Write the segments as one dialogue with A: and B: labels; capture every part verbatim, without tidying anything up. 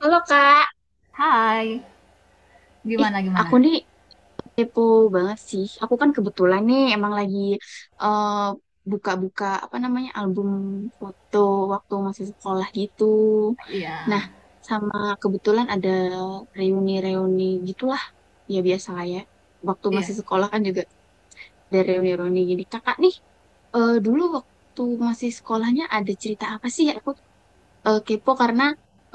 A: Halo Kak,
B: Hai,
A: ih
B: gimana gimana?
A: aku nih kepo banget sih. Aku kan kebetulan nih emang lagi eh, buka-buka apa namanya album foto waktu masih sekolah gitu. Nah,
B: Iya,
A: sama kebetulan ada reuni-reuni gitulah ya biasa lah ya. Waktu
B: iya.
A: masih sekolah kan juga ada reuni-reuni gini. Kakak nih eh, dulu waktu masih sekolahnya ada cerita apa sih? Ya aku eh, kepo karena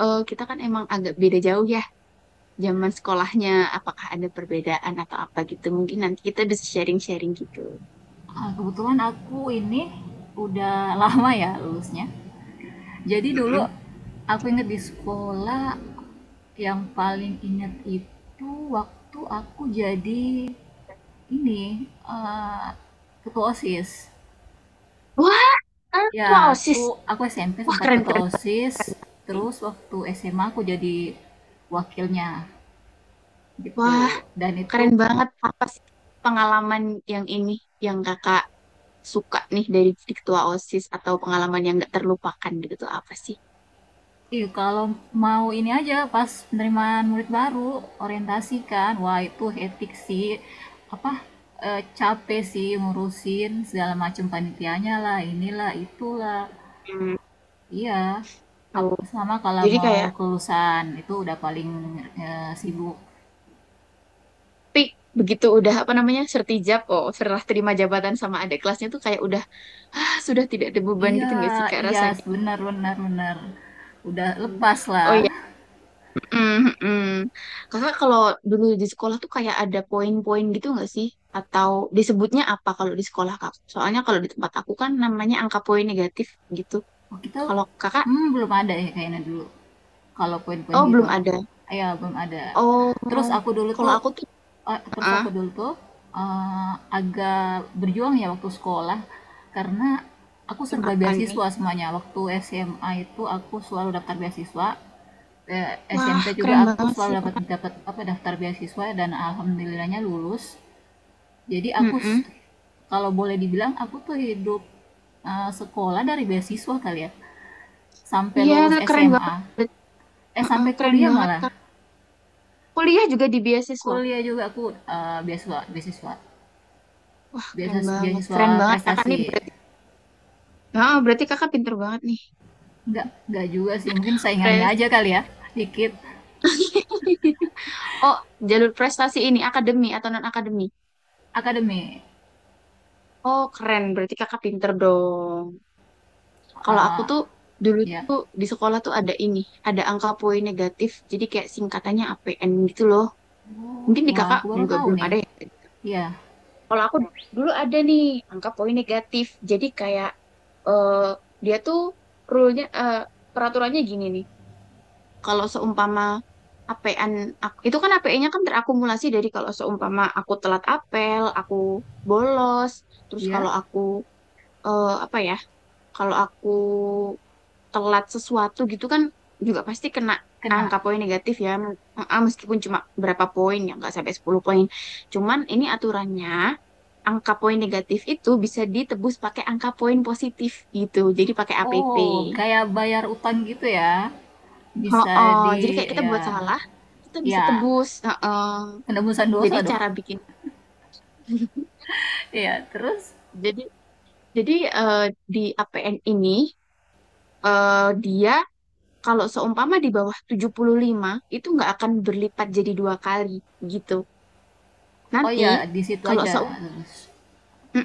A: eh, kita kan emang agak beda jauh ya. Zaman sekolahnya apakah ada perbedaan atau apa gitu, mungkin nanti kita bisa sharing-sharing gitu.
B: Ah, kebetulan aku ini udah lama ya lulusnya. Jadi dulu
A: Mm-mm.
B: aku inget di sekolah, yang paling inget itu waktu aku jadi ini eh, ketua OSIS.
A: Wah,
B: Ya,
A: apa
B: aku
A: OSIS?
B: aku S M P
A: Wah,
B: sempat
A: keren
B: ketua
A: keren
B: OSIS,
A: sih.
B: terus waktu S M A aku jadi wakilnya gitu.
A: Wah,
B: Dan itu,
A: keren banget, apa sih pengalaman yang ini yang kakak suka nih dari jadi ketua OSIS atau pengalaman yang nggak terlupakan gitu tuh apa sih?
B: iya, kalau mau ini aja pas penerimaan murid baru, orientasi kan. Wah, itu etik sih. Apa eh, capek sih ngurusin segala macam panitianya lah, inilah, itulah.
A: Hmm,
B: Iya.
A: oh
B: Ap- sama kalau
A: jadi
B: mau
A: kayak
B: kelulusan itu udah paling eh, sibuk.
A: tapi begitu udah apa namanya sertijab, oh setelah terima jabatan sama ada kelasnya tuh kayak udah, "Ah, sudah tidak ada beban
B: Iya,
A: gitu nggak sih kak
B: iya,
A: rasanya?"
B: benar benar benar. Udah
A: Hmm.
B: lepas
A: Oh
B: lah.
A: iya. Mm-mm. Kakak kalau dulu di sekolah tuh kayak ada poin-poin gitu nggak sih? Atau disebutnya apa kalau di sekolah kak? Soalnya kalau di tempat aku kan namanya angka poin negatif gitu.
B: Oh, kita,
A: Kalau kakak,
B: hmm, belum ada ya kayaknya dulu. Kalau poin-poin
A: oh
B: gitu.
A: belum ada.
B: Ya, belum ada.
A: Oh,
B: Terus aku dulu
A: kalau
B: tuh
A: aku tuh,
B: eh, Terus
A: ah,
B: aku dulu tuh eh, agak berjuang ya waktu sekolah karena aku serba
A: kenapa nih?
B: beasiswa semuanya. Waktu S M A itu aku selalu daftar beasiswa. Eh,
A: Wah,
B: S M P juga
A: keren
B: aku
A: banget sih
B: selalu dapat
A: kak.
B: dapat apa daftar beasiswa dan alhamdulillahnya lulus. Jadi aku,
A: Mm-mm.
B: kalau boleh dibilang aku tuh hidup, eh, sekolah dari beasiswa kali ya sampai
A: Iya,
B: lulus
A: keren
B: S M A,
A: banget.
B: eh
A: Mm,
B: sampai
A: keren
B: kuliah
A: banget
B: malah.
A: kak. Kuliah juga di beasiswa.
B: Kuliah juga aku eh, beasiswa, beasiswa
A: Wah, keren
B: beasiswa
A: banget.
B: beasiswa
A: Keren banget kakak
B: prestasi.
A: nih berarti. Ah, berarti kakak pinter banget nih.
B: nggak nggak juga sih, mungkin saingannya
A: Keren.
B: aja kali ya dikit.
A: Oh, jalur prestasi ini akademi atau non akademi?
B: Akademi.
A: Oh, keren. Berarti kakak pinter dong. Kalau aku
B: Eh,
A: tuh dulu
B: ya.
A: tuh di sekolah tuh ada ini, ada angka poin negatif. Jadi kayak singkatannya A P N gitu loh.
B: Oh,
A: Mungkin di
B: wah
A: kakak
B: aku baru
A: juga
B: tahu
A: belum
B: nih.
A: ada ya.
B: Iya,
A: Kalau aku dulu ada nih angka poin negatif. Jadi kayak eh, dia tuh rule-nya eh, peraturannya gini nih. Kalau seumpama A P N aku- itu kan A P E-nya kan terakumulasi dari, kalau seumpama aku telat apel, aku bolos, terus
B: iya,
A: kalau aku eh, apa ya, kalau aku telat sesuatu gitu kan juga pasti kena
B: kena.
A: angka poin negatif ya, men- eh, meskipun cuma berapa poin ya nggak sampai sepuluh poin. Cuman ini aturannya angka poin negatif itu bisa ditebus pakai angka poin positif gitu. Jadi pakai A P P.
B: Oh, kayak bayar utang gitu ya. Bisa
A: Oh, jadi
B: di,
A: kayak kita
B: ya,
A: buat salah, kita bisa
B: ya,
A: tebus. Heeh.
B: penebusan
A: Jadi
B: dosa dong.
A: cara bikin,
B: Iya, terus,
A: jadi jadi eh, di A P N ini eh, dia kalau seumpama di bawah tujuh puluh lima itu nggak akan berlipat jadi dua kali gitu.
B: oh
A: Nanti
B: iya, di situ
A: kalau se-
B: aja. Terus,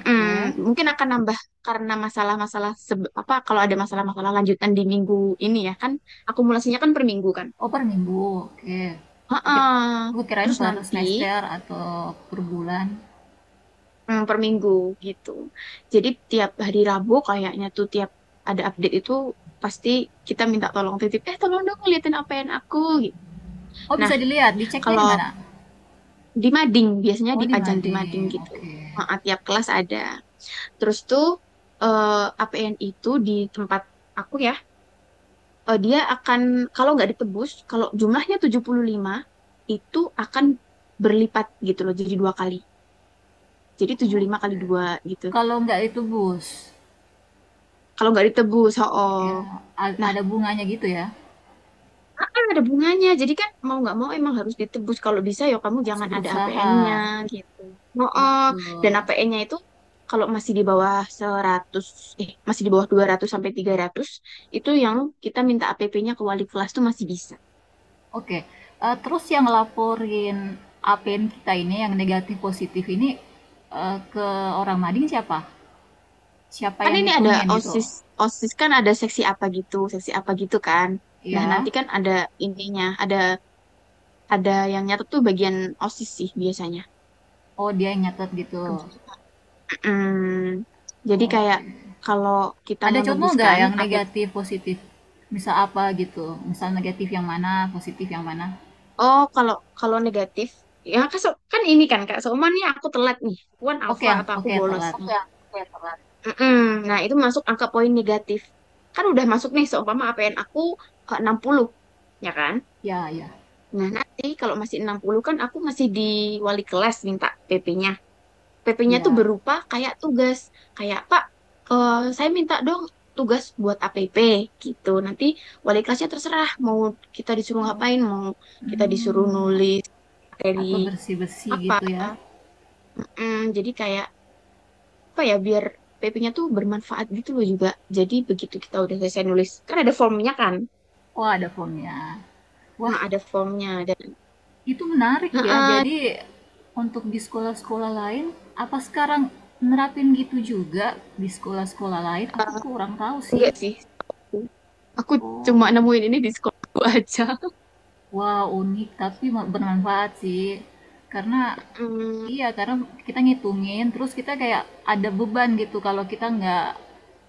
B: oke.
A: Mungkin akan nambah karena masalah-masalah sebe- apa, kalau ada masalah-masalah lanjutan di minggu ini ya kan, akumulasinya kan per minggu kan.
B: Oh, per minggu. Oke. Pikir,
A: Heeh.
B: gue kirain
A: Terus
B: per
A: nanti,
B: semester atau per bulan.
A: hmm, per minggu gitu. Jadi tiap hari Rabu kayaknya tuh tiap ada update itu pasti kita minta tolong titip, eh tolong dong ngeliatin apa yang aku gitu.
B: Oh,
A: Nah,
B: bisa dilihat. Diceknya di
A: kalau
B: mana?
A: di mading, biasanya
B: Oh, di
A: dipajang di mading
B: Mading.
A: gitu.
B: Oke.
A: Heeh, tiap kelas ada. Terus tuh eh, A P N itu di tempat aku ya, eh, dia akan kalau nggak ditebus, kalau jumlahnya tujuh puluh lima itu akan berlipat gitu loh jadi dua kali. Jadi tujuh puluh lima kali
B: Oke.
A: dua gitu.
B: Kalau nggak itu bus.
A: Kalau nggak ditebus, oh. Oh.
B: Ya, a- ada bunganya gitu ya.
A: Ah, ada bunganya, jadi kan mau nggak mau emang harus ditebus. Kalau bisa ya kamu
B: Harus
A: jangan ada
B: berusaha.
A: A P N-nya gitu. Oh, dan
B: Betul.
A: A P N-nya itu kalau masih di bawah seratus, eh masih di bawah dua ratus sampai tiga ratus itu yang kita minta A P P-nya ke wali kelas tuh masih bisa.
B: Oke. Eh, terus yang laporin A P N kita ini yang negatif positif ini, eh, ke orang Mading siapa? Siapa
A: Kan
B: yang
A: ini ada
B: ngitungin gitu?
A: OSIS, OSIS kan ada seksi apa gitu, seksi apa gitu kan. Nah,
B: Ya.
A: nanti kan ada ininya, ada ada yang nyatet tuh bagian OSIS sih biasanya.
B: Oh, dia yang nyatet gitu.
A: Kebiasaan. Mm, jadi kayak
B: Oke.
A: kalau kita
B: Ada
A: mau
B: contoh nggak
A: nebuskan.
B: yang negatif, positif? Misal apa gitu? Misal negatif yang mana, positif yang mana?
A: Oh, kalau kalau negatif, ya kan, so- kan ini kan Kak, seumpamanya aku telat nih, aku kan
B: Oke,
A: alfa
B: yang
A: atau aku
B: oke
A: bolos
B: telat.
A: nih. Oke. Mm-mm. Nah, itu masuk angka poin negatif. Kan udah masuk nih, seumpama A P N aku eh, enam puluh ya kan?
B: Ya, ya,
A: Nah, nanti kalau masih enam puluh kan aku masih di wali kelas minta PP-nya. PP-nya tuh
B: ya.
A: berupa kayak tugas, kayak Pak, eh, saya minta dong tugas buat A P P gitu. Nanti wali kelasnya terserah mau kita disuruh
B: Oh,
A: ngapain, mau kita disuruh
B: hmm,
A: nulis materi
B: atau bersih-bersih
A: apa,
B: gitu ya.
A: mm, jadi kayak apa ya biar PP-nya tuh bermanfaat gitu loh juga. Jadi begitu kita udah selesai nulis kan ada formnya kan,
B: Wah, ada formnya. Wah,
A: nah, ada formnya dan
B: itu menarik ya.
A: heeh,
B: Jadi untuk di sekolah-sekolah lain, apa sekarang nerapin gitu juga di sekolah-sekolah lain? Aku kurang tahu sih.
A: enggak sih, aku cuma nemuin ini di sekolahku aja.
B: Wah, unik tapi me bermanfaat sih. Karena
A: Mm,
B: iya, karena kita ngitungin, terus kita kayak ada beban gitu kalau kita nggak,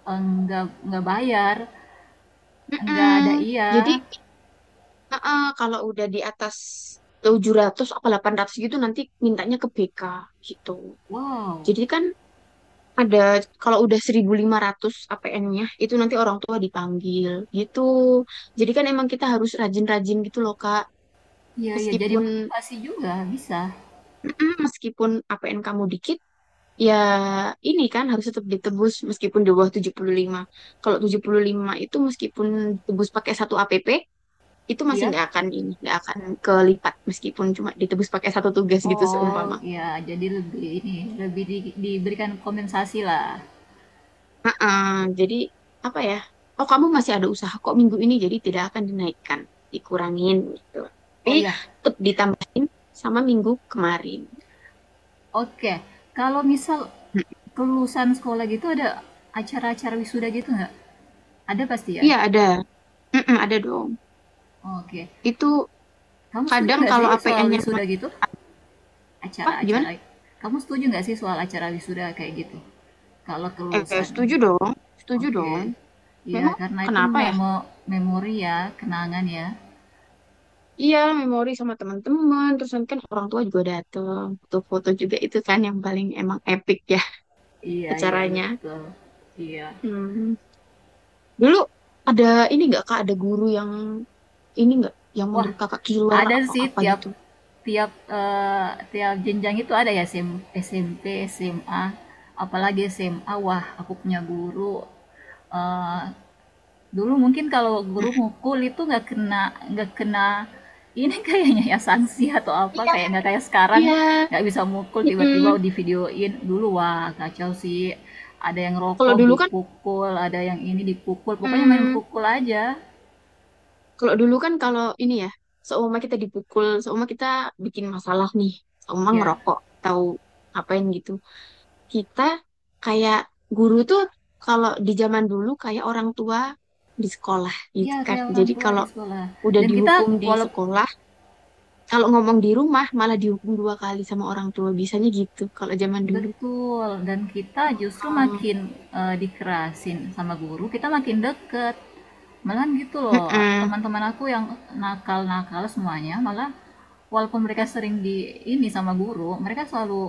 B: eee, nggak nggak bayar, nggak ada
A: mm-mm.
B: iya.
A: Jadi heeh, kalau udah di atas tujuh ratus atau delapan ratus gitu nanti mintanya ke B K gitu.
B: Wow,
A: Jadi kan ada kalau udah seribu lima ratus A P N-nya itu nanti orang tua dipanggil gitu. Jadi kan emang kita harus rajin-rajin gitu loh Kak.
B: iya iya, jadi
A: Meskipun
B: motivasi juga, bisa,
A: meskipun A P N kamu dikit ya, ini kan harus tetap ditebus meskipun di bawah tujuh puluh lima. Kalau tujuh puluh lima itu meskipun ditebus pakai satu A P P itu masih
B: iya?
A: nggak akan ini, nggak akan kelipat meskipun cuma ditebus pakai satu tugas gitu
B: Oh,
A: seumpama.
B: iya, jadi lebih ini, lebih di diberikan kompensasi lah.
A: Eh, jadi apa ya? Oh, kamu masih ada usaha kok minggu ini, jadi tidak akan dinaikkan, dikurangin gitu. Tapi
B: Oh iya,
A: tetap ditambahin sama minggu kemarin.
B: oke, kalau misal
A: Mm.
B: kelulusan sekolah gitu ada acara-acara wisuda gitu nggak? Ada pasti ya?
A: Iya ada, mm-mm, ada dong.
B: Oke.
A: Itu
B: Kamu setuju
A: kadang
B: nggak
A: kalau
B: sih soal
A: A P N-nya
B: wisuda gitu?
A: apa gimana?
B: Acara-acara. Kamu setuju nggak sih soal acara wisuda kayak gitu? Kalau
A: Eh,
B: kelulusan.
A: setuju dong, setuju
B: Oke.
A: dong.
B: Iya,
A: Memang
B: karena itu
A: kenapa ya?
B: memo memori ya, kenangan ya.
A: Iya, memori sama teman-teman. Terus nanti kan orang tua juga datang, foto-foto juga, itu kan yang paling emang epic ya
B: Iya, iya,
A: acaranya.
B: betul. Iya.
A: Hmm. Dulu ada ini nggak kak, ada guru yang ini nggak yang
B: Wah,
A: menurut kakak killer
B: ada
A: atau
B: sih
A: apa
B: tiap
A: gitu?
B: tiap eh, tiap jenjang itu ada ya SM, SMP, SMA, apalagi SMA. Wah, aku punya guru, eh, dulu mungkin kalau guru
A: Mm.
B: mukul itu nggak kena, nggak kena ini kayaknya ya sanksi atau apa,
A: Iya,
B: kayak nggak kayak sekarang,
A: iya.
B: nggak bisa mukul tiba-tiba
A: Mm-mm.
B: divideoin. Dulu wah kacau sih, ada yang
A: Kalau
B: rokok
A: dulu kan,
B: dipukul, ada yang ini dipukul, pokoknya main
A: mm,
B: pukul aja.
A: kalau dulu kan kalau ini ya, seumpama kita dipukul, seumpama kita bikin masalah nih, seumpama
B: Ya,
A: ngerokok, tahu ngapain gitu. Kita kayak guru tuh kalau di zaman dulu kayak orang tua di sekolah gitu
B: ya
A: kan.
B: kayak orang
A: Jadi
B: tua di
A: kalau
B: sekolah.
A: udah
B: Dan kita
A: dihukum di
B: walaupun
A: sekolah, kalau ngomong di rumah malah dihukum dua kali sama orang tua. Biasanya gitu kalau zaman dulu.
B: betul, dan kita justru
A: Oh,
B: makin eh, dikerasin sama guru, kita makin deket. Malah gitu loh,
A: mm-mm.
B: teman-teman aku yang nakal-nakal semuanya, malah walaupun mereka sering di ini sama guru, mereka selalu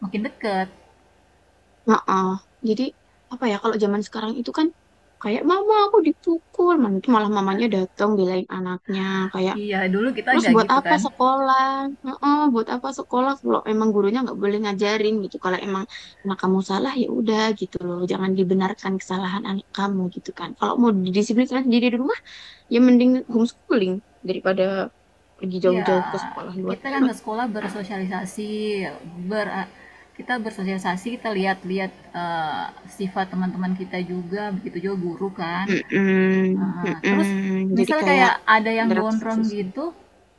B: makin deket.
A: Heeh. Jadi apa ya, kalau zaman sekarang itu kan kayak mama aku dipukul, mana itu malah mamanya datang belain anaknya kayak
B: Iya, dulu kita
A: terus
B: nggak
A: buat
B: gitu
A: apa
B: kan.
A: sekolah? Heeh, buat apa sekolah kalau emang gurunya nggak boleh ngajarin gitu. Kalau emang anak kamu salah ya udah gitu loh, jangan dibenarkan kesalahan anak kamu gitu kan. Kalau mau didisiplinkan sendiri di rumah ya mending homeschooling daripada pergi
B: Iya,
A: jauh-jauh ke sekolah luar.
B: kita kan ke sekolah bersosialisasi, ber kita bersosialisasi, kita lihat-lihat eh, sifat teman-teman kita juga, begitu juga guru kan.
A: Mm-mm,
B: Heeh. Terus
A: mm-mm. Jadi
B: misal
A: kayak
B: kayak ada yang
A: interaksi
B: gondrong
A: sosial.
B: gitu,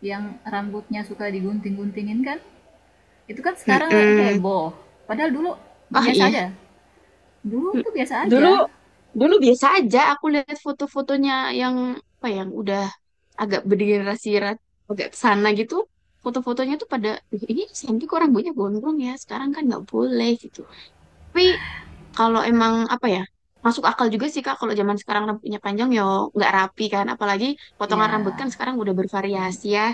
B: yang rambutnya suka digunting-guntingin kan, itu kan sekarang heboh. Padahal dulu
A: Oh
B: biasa
A: iya.
B: aja. Dulu
A: Hmm.
B: tuh biasa
A: lu
B: aja.
A: lu biasa aja. Aku lihat foto-fotonya yang apa ya, yang udah agak bergenerasi ra- agak sana gitu. Foto-fotonya tuh pada, "Ih, ini Santi kok rambutnya gondrong ya. Sekarang kan nggak boleh gitu." Tapi kalau emang apa ya, masuk akal juga sih Kak kalau zaman sekarang rambutnya panjang ya nggak rapi kan. Apalagi potongan rambut
B: Ya,
A: kan sekarang udah bervariasi ya.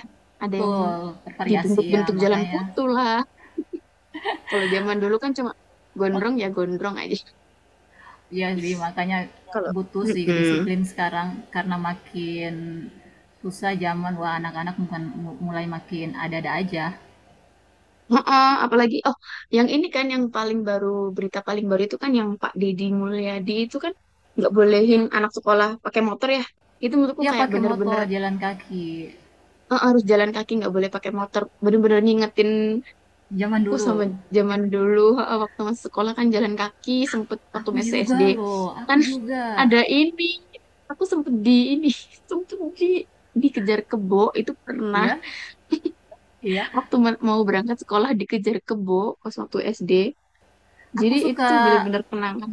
A: Ada yang
B: betul. Bervariasi ya,
A: dibentuk-bentuk jalan
B: makanya.
A: kutu lah. Kalau zaman dulu kan cuma
B: Mak-
A: gondrong ya gondrong aja.
B: Iya sih, makanya
A: Kalau
B: butuh sih
A: mm-mm.
B: disiplin sekarang. Karena makin susah zaman, wah anak-anak bukan mulai makin ada-ada aja.
A: Heeh, apalagi oh yang ini kan yang paling baru, berita paling baru itu kan yang Pak Deddy Mulyadi itu kan nggak bolehin anak sekolah pakai motor ya. Itu menurutku
B: Ya
A: kayak
B: pakai motor,
A: bener-bener
B: jalan kaki.
A: eh, harus jalan kaki, nggak boleh pakai motor. Bener-bener ngingetin
B: Zaman
A: aku sama
B: dulu.
A: zaman dulu heeh, waktu masih sekolah kan jalan kaki sempet waktu
B: Aku
A: masih S D
B: juga loh, aku
A: kan
B: juga.
A: ada ini aku sempet di ini sempet di dikejar kebo itu pernah
B: Iya, iya.
A: waktu ma- mau berangkat sekolah dikejar kebo pas waktu S D.
B: Aku
A: Jadi itu tuh
B: suka
A: bener-bener kenangan.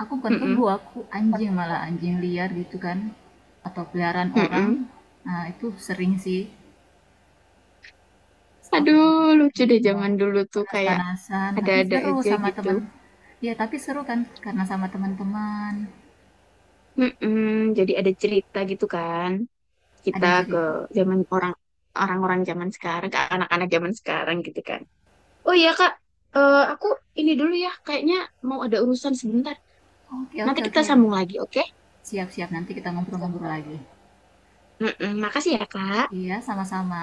B: aku bukan kebo,
A: Mm-mm,
B: aku anjing malah, anjing liar gitu kan, atau peliharaan orang.
A: mm-mm.
B: Nah itu sering sih, aku jalan
A: Aduh,
B: kaki
A: lucu deh
B: pulang
A: zaman dulu tuh kayak
B: panas-panasan tapi
A: ada-ada
B: seru
A: aja
B: sama
A: gitu.
B: temen, ya tapi seru kan karena sama teman-teman.
A: Mm-mm, jadi ada cerita gitu kan.
B: Ada
A: Kita ke
B: cerita.
A: zaman orang orang-orang zaman sekarang, ke anak-anak zaman sekarang gitu kan. Oh iya Kak, eh, aku ini dulu ya, kayaknya mau ada urusan sebentar.
B: Oke
A: Nanti
B: oke
A: kita
B: oke,
A: sambung lagi, oke?
B: siap-siap nanti kita ngobrol-ngobrol
A: Silakan.
B: lagi.
A: Mm-mm, makasih ya Kak.
B: Iya sama-sama.